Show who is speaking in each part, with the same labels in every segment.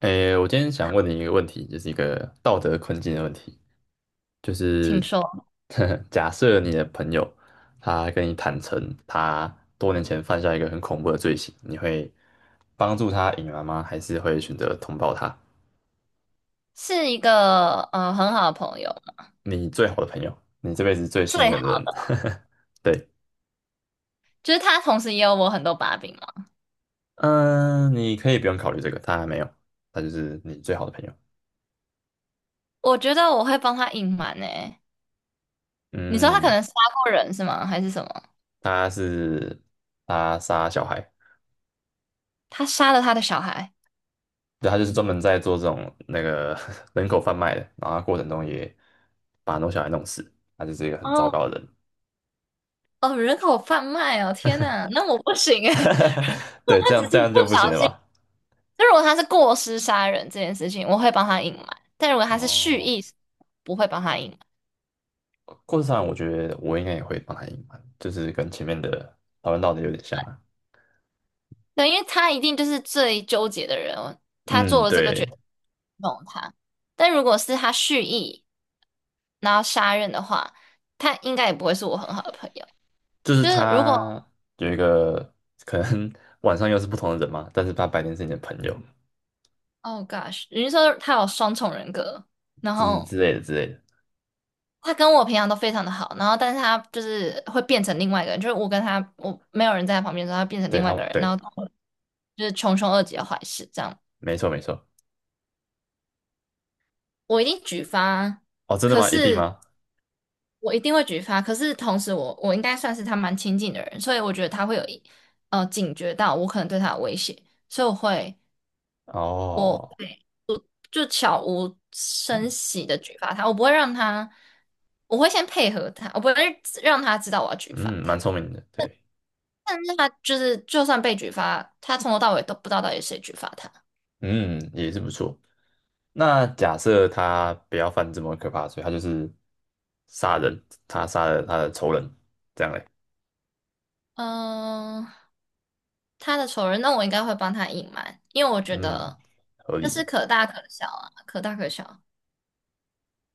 Speaker 1: 诶，我今天想问你一个问题，就是一个道德困境的问题，就
Speaker 2: 听
Speaker 1: 是
Speaker 2: 说
Speaker 1: 假设你的朋友他跟你坦诚他多年前犯下一个很恐怖的罪行，你会帮助他隐瞒吗？还是会选择通报他？
Speaker 2: 是一个很好的朋友，
Speaker 1: 你最好的朋友，你这辈子最信
Speaker 2: 最
Speaker 1: 任
Speaker 2: 好
Speaker 1: 的人，对。
Speaker 2: 就是他同时也有我很多把柄嘛。
Speaker 1: 嗯，你可以不用考虑这个，他还没有，他就是你最好的朋友。
Speaker 2: 我觉得我会帮他隐瞒诶。你说他可
Speaker 1: 嗯，
Speaker 2: 能杀过人是吗？还是什么？
Speaker 1: 他是他杀小孩。
Speaker 2: 他杀了他的小孩？
Speaker 1: 对，他就是专门在做这种那个 人口贩卖的，然后他过程中也把很多小孩弄死，他就是一个很糟
Speaker 2: 哦
Speaker 1: 糕的人。
Speaker 2: 哦，人口贩卖哦！天呐，那我不行诶。
Speaker 1: 对，这
Speaker 2: 他只
Speaker 1: 样这
Speaker 2: 是
Speaker 1: 样
Speaker 2: 不
Speaker 1: 就不行
Speaker 2: 小
Speaker 1: 了
Speaker 2: 心。
Speaker 1: 吧？
Speaker 2: 就如果他是过失杀人这件事情，我会帮他隐瞒；但如果他是蓄
Speaker 1: 哦，
Speaker 2: 意，不会帮他隐瞒。
Speaker 1: 故事上我觉得我应该也会帮他隐瞒，就是跟前面的讨论到的有点像啊。
Speaker 2: 对，因为他一定就是最纠结的人，他做
Speaker 1: 嗯，
Speaker 2: 了这个决
Speaker 1: 对，
Speaker 2: 定弄他。但如果是他蓄意，然后杀人的话，他应该也不会是我很好的朋友。
Speaker 1: 就是
Speaker 2: 就是如果
Speaker 1: 他有一个可能 晚上又是不同的人嘛，但是他白天是你的朋友
Speaker 2: ，Oh gosh，你是说他有双重人格，然
Speaker 1: 之
Speaker 2: 后
Speaker 1: 之类的之类的。
Speaker 2: 他跟我平常都非常的好，然后但是他就是会变成另外一个人，就是我跟他，我没有人在他旁边的时候，他变成
Speaker 1: 对
Speaker 2: 另外
Speaker 1: 他，
Speaker 2: 一个人，然
Speaker 1: 对，
Speaker 2: 后就是穷凶恶极的坏事这样，
Speaker 1: 没错没错。
Speaker 2: 我一定举发。
Speaker 1: 哦，真的
Speaker 2: 可
Speaker 1: 吗？一定
Speaker 2: 是
Speaker 1: 吗？
Speaker 2: 我一定会举发，可是同时我应该算是他蛮亲近的人，所以我觉得他会有一警觉到我可能对他有威胁，所以我会我
Speaker 1: 哦。
Speaker 2: 会我就悄无声息的举发他，我不会让他，我会先配合他，我不会让他知道我要举发
Speaker 1: 嗯，蛮
Speaker 2: 他。
Speaker 1: 聪明的，对。
Speaker 2: 但是他就是就算被举发，他从头到尾都不知道到底谁举发他。
Speaker 1: 嗯，也是不错。那假设他不要犯这么可怕的罪，他就是杀人，他杀了他的仇人，这样嘞。
Speaker 2: 嗯、他的仇人，那我应该会帮他隐瞒，因为我觉
Speaker 1: 嗯，
Speaker 2: 得
Speaker 1: 合
Speaker 2: 这
Speaker 1: 理嘛？
Speaker 2: 是可大可小啊，可大可小，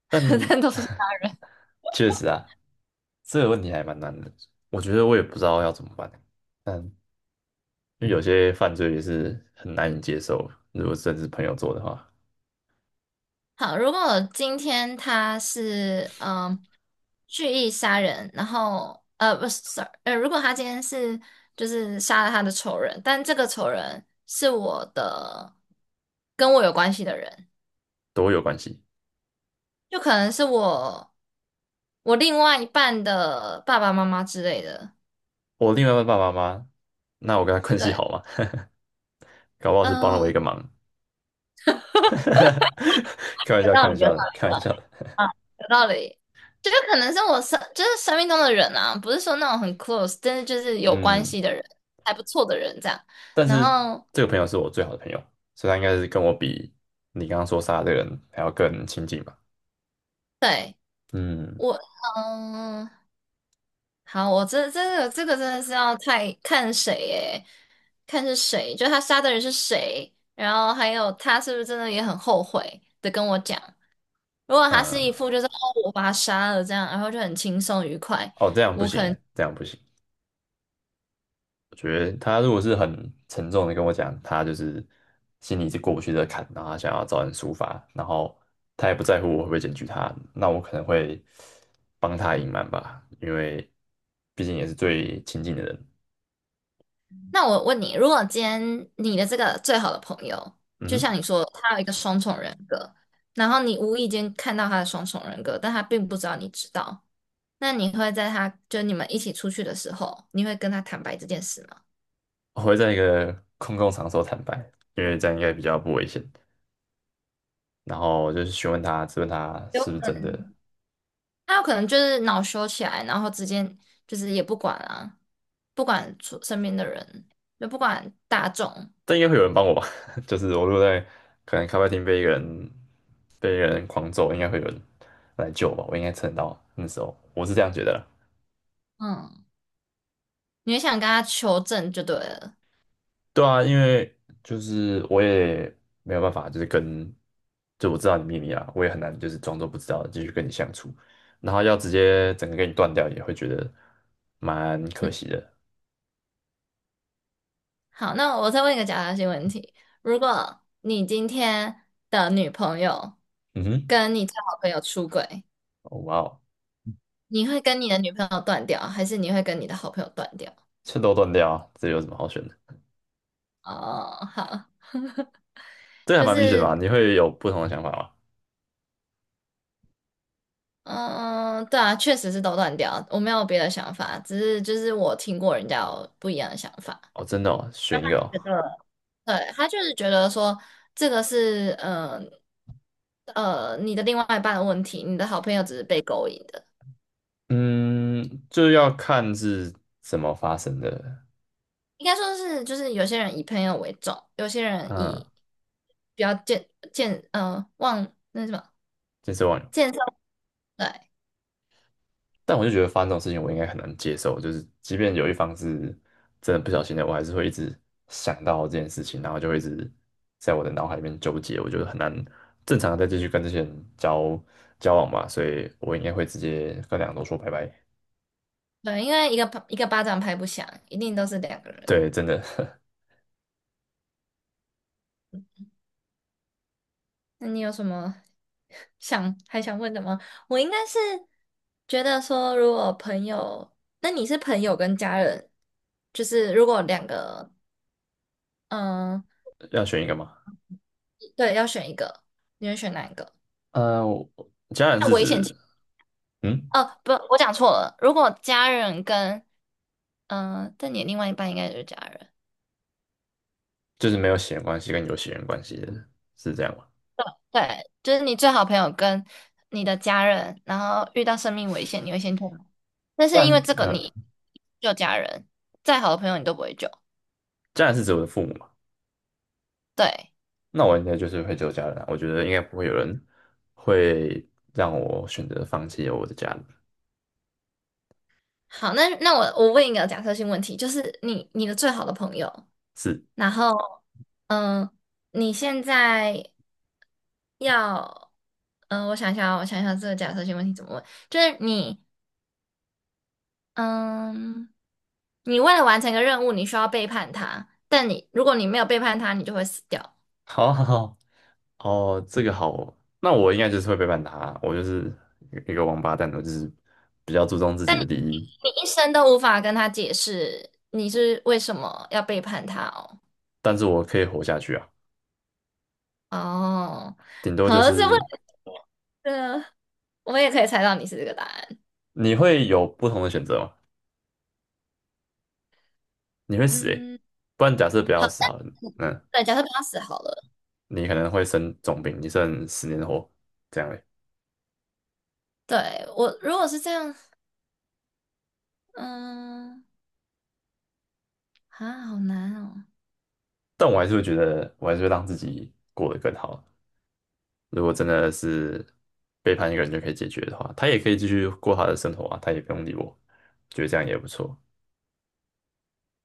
Speaker 1: 但
Speaker 2: 但都是他。
Speaker 1: 确实啊，这个问题还蛮难的，我觉得我也不知道要怎么办。但因为有些犯罪也是很难以接受，如果甚至朋友做的话，
Speaker 2: 好，如果今天他是蓄意杀人，然后不是，sorry，如果他今天是就是杀了他的仇人，但这个仇人是我的跟我有关系的人，
Speaker 1: 都有关系。
Speaker 2: 就可能是我另外一半的爸爸妈妈之类的。
Speaker 1: 我另外一半爸爸妈妈，那我跟他关系
Speaker 2: 对，
Speaker 1: 好吗？搞不好是帮了我一
Speaker 2: 嗯、
Speaker 1: 个忙。开玩
Speaker 2: 有
Speaker 1: 笑，开
Speaker 2: 道
Speaker 1: 玩
Speaker 2: 理，有
Speaker 1: 笑的，开玩笑的。
Speaker 2: 嗯，有道理。这就是可能是我生，就是生命中的人啊，不是说那种很 close，但是就是有关
Speaker 1: 嗯，
Speaker 2: 系的人，还不错的人这样。
Speaker 1: 但
Speaker 2: 然
Speaker 1: 是
Speaker 2: 后，
Speaker 1: 这个朋友是我最好的朋友，所以他应该是跟我比你刚刚说杀的这个人还要更亲近吧。
Speaker 2: 对，
Speaker 1: 嗯
Speaker 2: 我，嗯，好，我这个真的是要太看谁诶，看是谁，就他杀的人是谁，然后还有他是不是真的也很后悔的跟我讲。如果他
Speaker 1: 嗯，
Speaker 2: 是一副就是哦，我把他杀了这样，然后就很轻松愉快。
Speaker 1: 哦，这样不
Speaker 2: 我
Speaker 1: 行
Speaker 2: 可能。
Speaker 1: 耶，这样不行。我觉得他如果是很沉重的跟我讲，他就是心里是过不去这个坎，然后他想要找人抒发，然后他也不在乎我会不会检举他，那我可能会帮他隐瞒吧，因为毕竟也是最亲近的人。
Speaker 2: 那我问你，如果今天你的这个最好的朋友，
Speaker 1: 嗯
Speaker 2: 就像
Speaker 1: 哼，
Speaker 2: 你说，他有一个双重人格，然后你无意间看到他的双重人格，但他并不知道你知道，那你会在他就你们一起出去的时候，你会跟他坦白这件事吗？
Speaker 1: 我会在一个空共场所坦白，因为这样应该比较不危险。然后我就是询问他，质问他
Speaker 2: 有，
Speaker 1: 是不是真的，
Speaker 2: 他有可能就是恼羞起来，然后直接就是也不管啊，不管出身边的人，就不管大众，
Speaker 1: 但应该会有人帮我吧？就是我如果在可能咖啡厅被一个人狂揍，应该会有人来救我吧？我应该撑得到啊那时候，我是这样觉得啦。
Speaker 2: 嗯，你会想跟他求证就对了。
Speaker 1: 对啊，因为就是我也没有办法，就是跟就我知道你秘密啊，我也很难就是装作不知道继续跟你相处，然后要直接整个跟你断掉，也会觉得蛮可惜的。
Speaker 2: 好，那我再问一个假设性问题：如果你今天的女朋友
Speaker 1: 嗯哼，
Speaker 2: 跟你的好的朋友出轨，
Speaker 1: 哦哇哦。
Speaker 2: 你会跟你的女朋友断掉，还是你会跟你的好朋友断掉？
Speaker 1: 趁都断掉啊这有什么好选的？
Speaker 2: 哦，好，
Speaker 1: 这个还
Speaker 2: 就
Speaker 1: 蛮明显的
Speaker 2: 是，
Speaker 1: 嘛，你会有不同的想法吗？
Speaker 2: 嗯，对啊，确实是都断掉，我没有别的想法，只是就是我听过人家有不一样的想法，
Speaker 1: 哦，真的哦，选一个哦。
Speaker 2: 觉得对，他就是觉得说这个是，嗯、呃，你的另外一半的问题，你的好朋友只是被勾引的。
Speaker 1: 嗯，就要看是怎么发生的。
Speaker 2: 应该说是，就是有些人以朋友为重，有些人
Speaker 1: 嗯，
Speaker 2: 以比较健忘那什么
Speaker 1: 健身忘友。
Speaker 2: 健身，对
Speaker 1: 但我就觉得发生这种事情，我应该很难接受，就是即便有一方是真的不小心的，我还是会一直想到这件事情，然后就会一直在我的脑海里面纠结，我觉得很难正常的再继续跟这些人交往吧，所以我应该会直接跟两个都说拜拜。
Speaker 2: 对，因为一个巴一个巴掌拍不响，一定都是两个人。
Speaker 1: 对，真的
Speaker 2: 那你有什么 想还想问的吗？我应该是觉得说，如果朋友，那你是朋友跟家人，就是如果两个，嗯、
Speaker 1: 要选一个吗？
Speaker 2: 对，要选一个，你会选哪一个？
Speaker 1: 呃，我家人
Speaker 2: 那
Speaker 1: 是
Speaker 2: 危险
Speaker 1: 指。
Speaker 2: 情，
Speaker 1: 嗯，
Speaker 2: 哦，不，我讲错了，如果家人跟嗯，但你另外一半应该就是家人，
Speaker 1: 就是没有血缘关系跟有血缘关系的，是这样吗？
Speaker 2: 对，就是你最好朋友跟你的家人，然后遇到生命危险，你会先救吗？但
Speaker 1: 家
Speaker 2: 是
Speaker 1: 人
Speaker 2: 因为
Speaker 1: 是，
Speaker 2: 这个你
Speaker 1: 嗯、
Speaker 2: 救家人，再好的朋友你都不会救。
Speaker 1: 家人是指我的父母嘛？
Speaker 2: 对，
Speaker 1: 那我应该就是会只有家人啊，我觉得应该不会有人会让我选择放弃我的家人。
Speaker 2: 好，那我问一个假设性问题，就是你你的最好的朋友，
Speaker 1: 是，
Speaker 2: 然后嗯，你现在要嗯，我想一下哦我想一下这个假设性问题怎么问，就是你。嗯，你为了完成一个任务，你需要背叛他，但你如果你没有背叛他，你就会死掉。
Speaker 1: 好好好 哦，这个好哦，那我应该就是会背叛他啊，我就是一个王八蛋，我就是比较注重自己的利益，
Speaker 2: 你一生都无法跟他解释你是为什么要背叛他哦。
Speaker 1: 但是我可以活下去啊，
Speaker 2: 哦，
Speaker 1: 顶多就
Speaker 2: 好，这么
Speaker 1: 是
Speaker 2: 了，这我也可以猜到你是这个答案。
Speaker 1: 你会有不同的选择吗？你会死诶、
Speaker 2: 嗯，
Speaker 1: 不然假设不要
Speaker 2: 好，
Speaker 1: 死好了，那
Speaker 2: 对，假设他死好了，
Speaker 1: 你可能会生重病，你剩十年活这样诶、
Speaker 2: 对，我如果是这样，嗯，啊，好难哦。
Speaker 1: 但我还是会觉得，我还是会让自己过得更好。如果真的是背叛一个人就可以解决的话，他也可以继续过他的生活啊，他也不用理我，觉得这样也不错。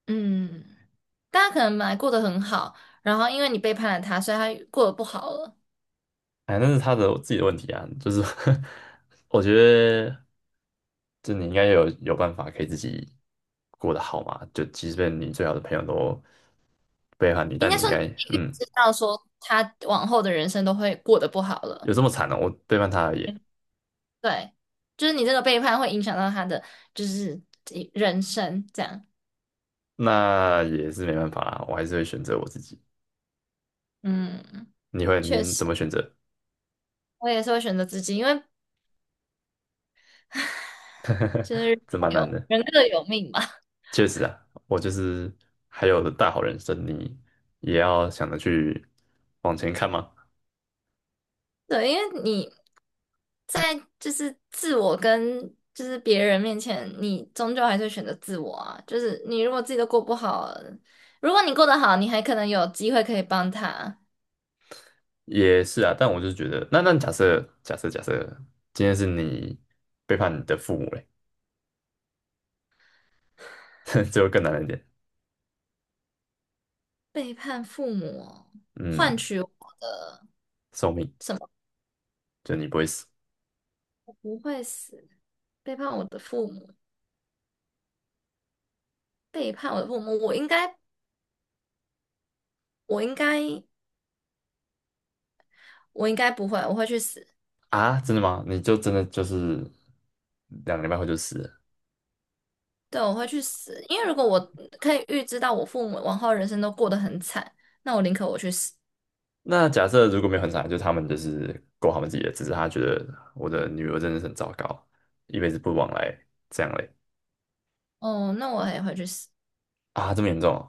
Speaker 2: 嗯，大家可能本来过得很好，然后因为你背叛了他，所以他过得不好了。
Speaker 1: 哎，那是他的自己的问题啊，就是 我觉得，就你应该有办法可以自己过得好嘛，就即便你最好的朋友都背叛你，
Speaker 2: 应
Speaker 1: 但
Speaker 2: 该
Speaker 1: 你应
Speaker 2: 说你
Speaker 1: 该
Speaker 2: 已经
Speaker 1: 嗯。
Speaker 2: 知道说他往后的人生都会过得不好
Speaker 1: 有
Speaker 2: 了。
Speaker 1: 这么惨呢？我背叛他而已，
Speaker 2: 嗯对，就是你这个背叛会影响到他的就是人生这样。
Speaker 1: 那也是没办法啦，我还是会选择我自己。
Speaker 2: 嗯，
Speaker 1: 你会，
Speaker 2: 确
Speaker 1: 您
Speaker 2: 实，
Speaker 1: 怎么选择？
Speaker 2: 我也是会选择自己，因为 就是
Speaker 1: 这蛮难
Speaker 2: 有
Speaker 1: 的。
Speaker 2: 人各有命嘛。
Speaker 1: 确实啊，我就是还有大好人生，你也要想着去往前看吗？
Speaker 2: 对，因为你在就是自我跟就是别人面前，你终究还是会选择自我啊。就是你如果自己都过不好，如果你过得好，你还可能有机会可以帮他。
Speaker 1: 也是啊，但我就觉得，那那假设今天是你背叛你的父母嘞，这就更难一点。
Speaker 2: 背叛父母，换
Speaker 1: 嗯，
Speaker 2: 取我
Speaker 1: 寿命，就你不会死
Speaker 2: 不会死，背叛我的父母，背叛我的父母，我应该，我应该，我应该不会，我会去死，
Speaker 1: 啊？真的吗？你就真的就是两个礼拜后就死了。
Speaker 2: 对，我会去死，因为如果我可以预知到我父母往后人生都过得很惨，那我宁可我去死，
Speaker 1: 那假设如果没有很惨，就他们就是过他们自己的，只是他觉得我的女儿真的是很糟糕，一辈子不往来，这样嘞
Speaker 2: 哦，那我也会去死，
Speaker 1: 啊，这么严重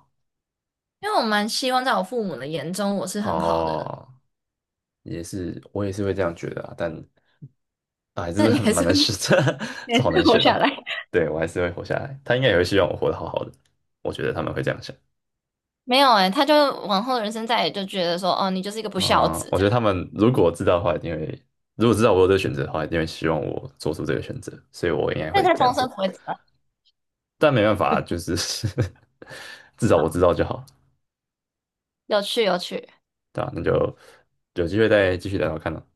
Speaker 2: 因为我蛮希望在我父母的眼中我是
Speaker 1: 哦。
Speaker 2: 很好的人，
Speaker 1: 哦，也是我也是会这样觉得啊，但啊还 是
Speaker 2: 但你
Speaker 1: 很
Speaker 2: 还
Speaker 1: 蛮
Speaker 2: 是
Speaker 1: 难
Speaker 2: 会
Speaker 1: 选的，
Speaker 2: 还
Speaker 1: 这好
Speaker 2: 是
Speaker 1: 难
Speaker 2: 活
Speaker 1: 选
Speaker 2: 下
Speaker 1: 哦。
Speaker 2: 来。
Speaker 1: 对，我还是会活下来，他应该也会希望我活得好好的，我觉得他们会这样想
Speaker 2: 没有哎、他就往后的人生再也就觉得说，哦，你就是一个不孝
Speaker 1: 啊。
Speaker 2: 子
Speaker 1: 我
Speaker 2: 这
Speaker 1: 觉得他
Speaker 2: 样，
Speaker 1: 们如果知道的话，一定会，如果知道我有这个选择的话，一定会希望我做出这个选择，所以我应该
Speaker 2: 但
Speaker 1: 会
Speaker 2: 他
Speaker 1: 这
Speaker 2: 终
Speaker 1: 样
Speaker 2: 身
Speaker 1: 做。
Speaker 2: 不会知道
Speaker 1: 但没办法，就是 至少我知道就好，
Speaker 2: 有趣有趣。
Speaker 1: 对吧？那就有机会再继续聊聊看了。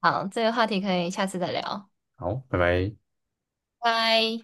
Speaker 2: 好，这个话题可以下次再聊，
Speaker 1: 好，拜拜。
Speaker 2: 拜。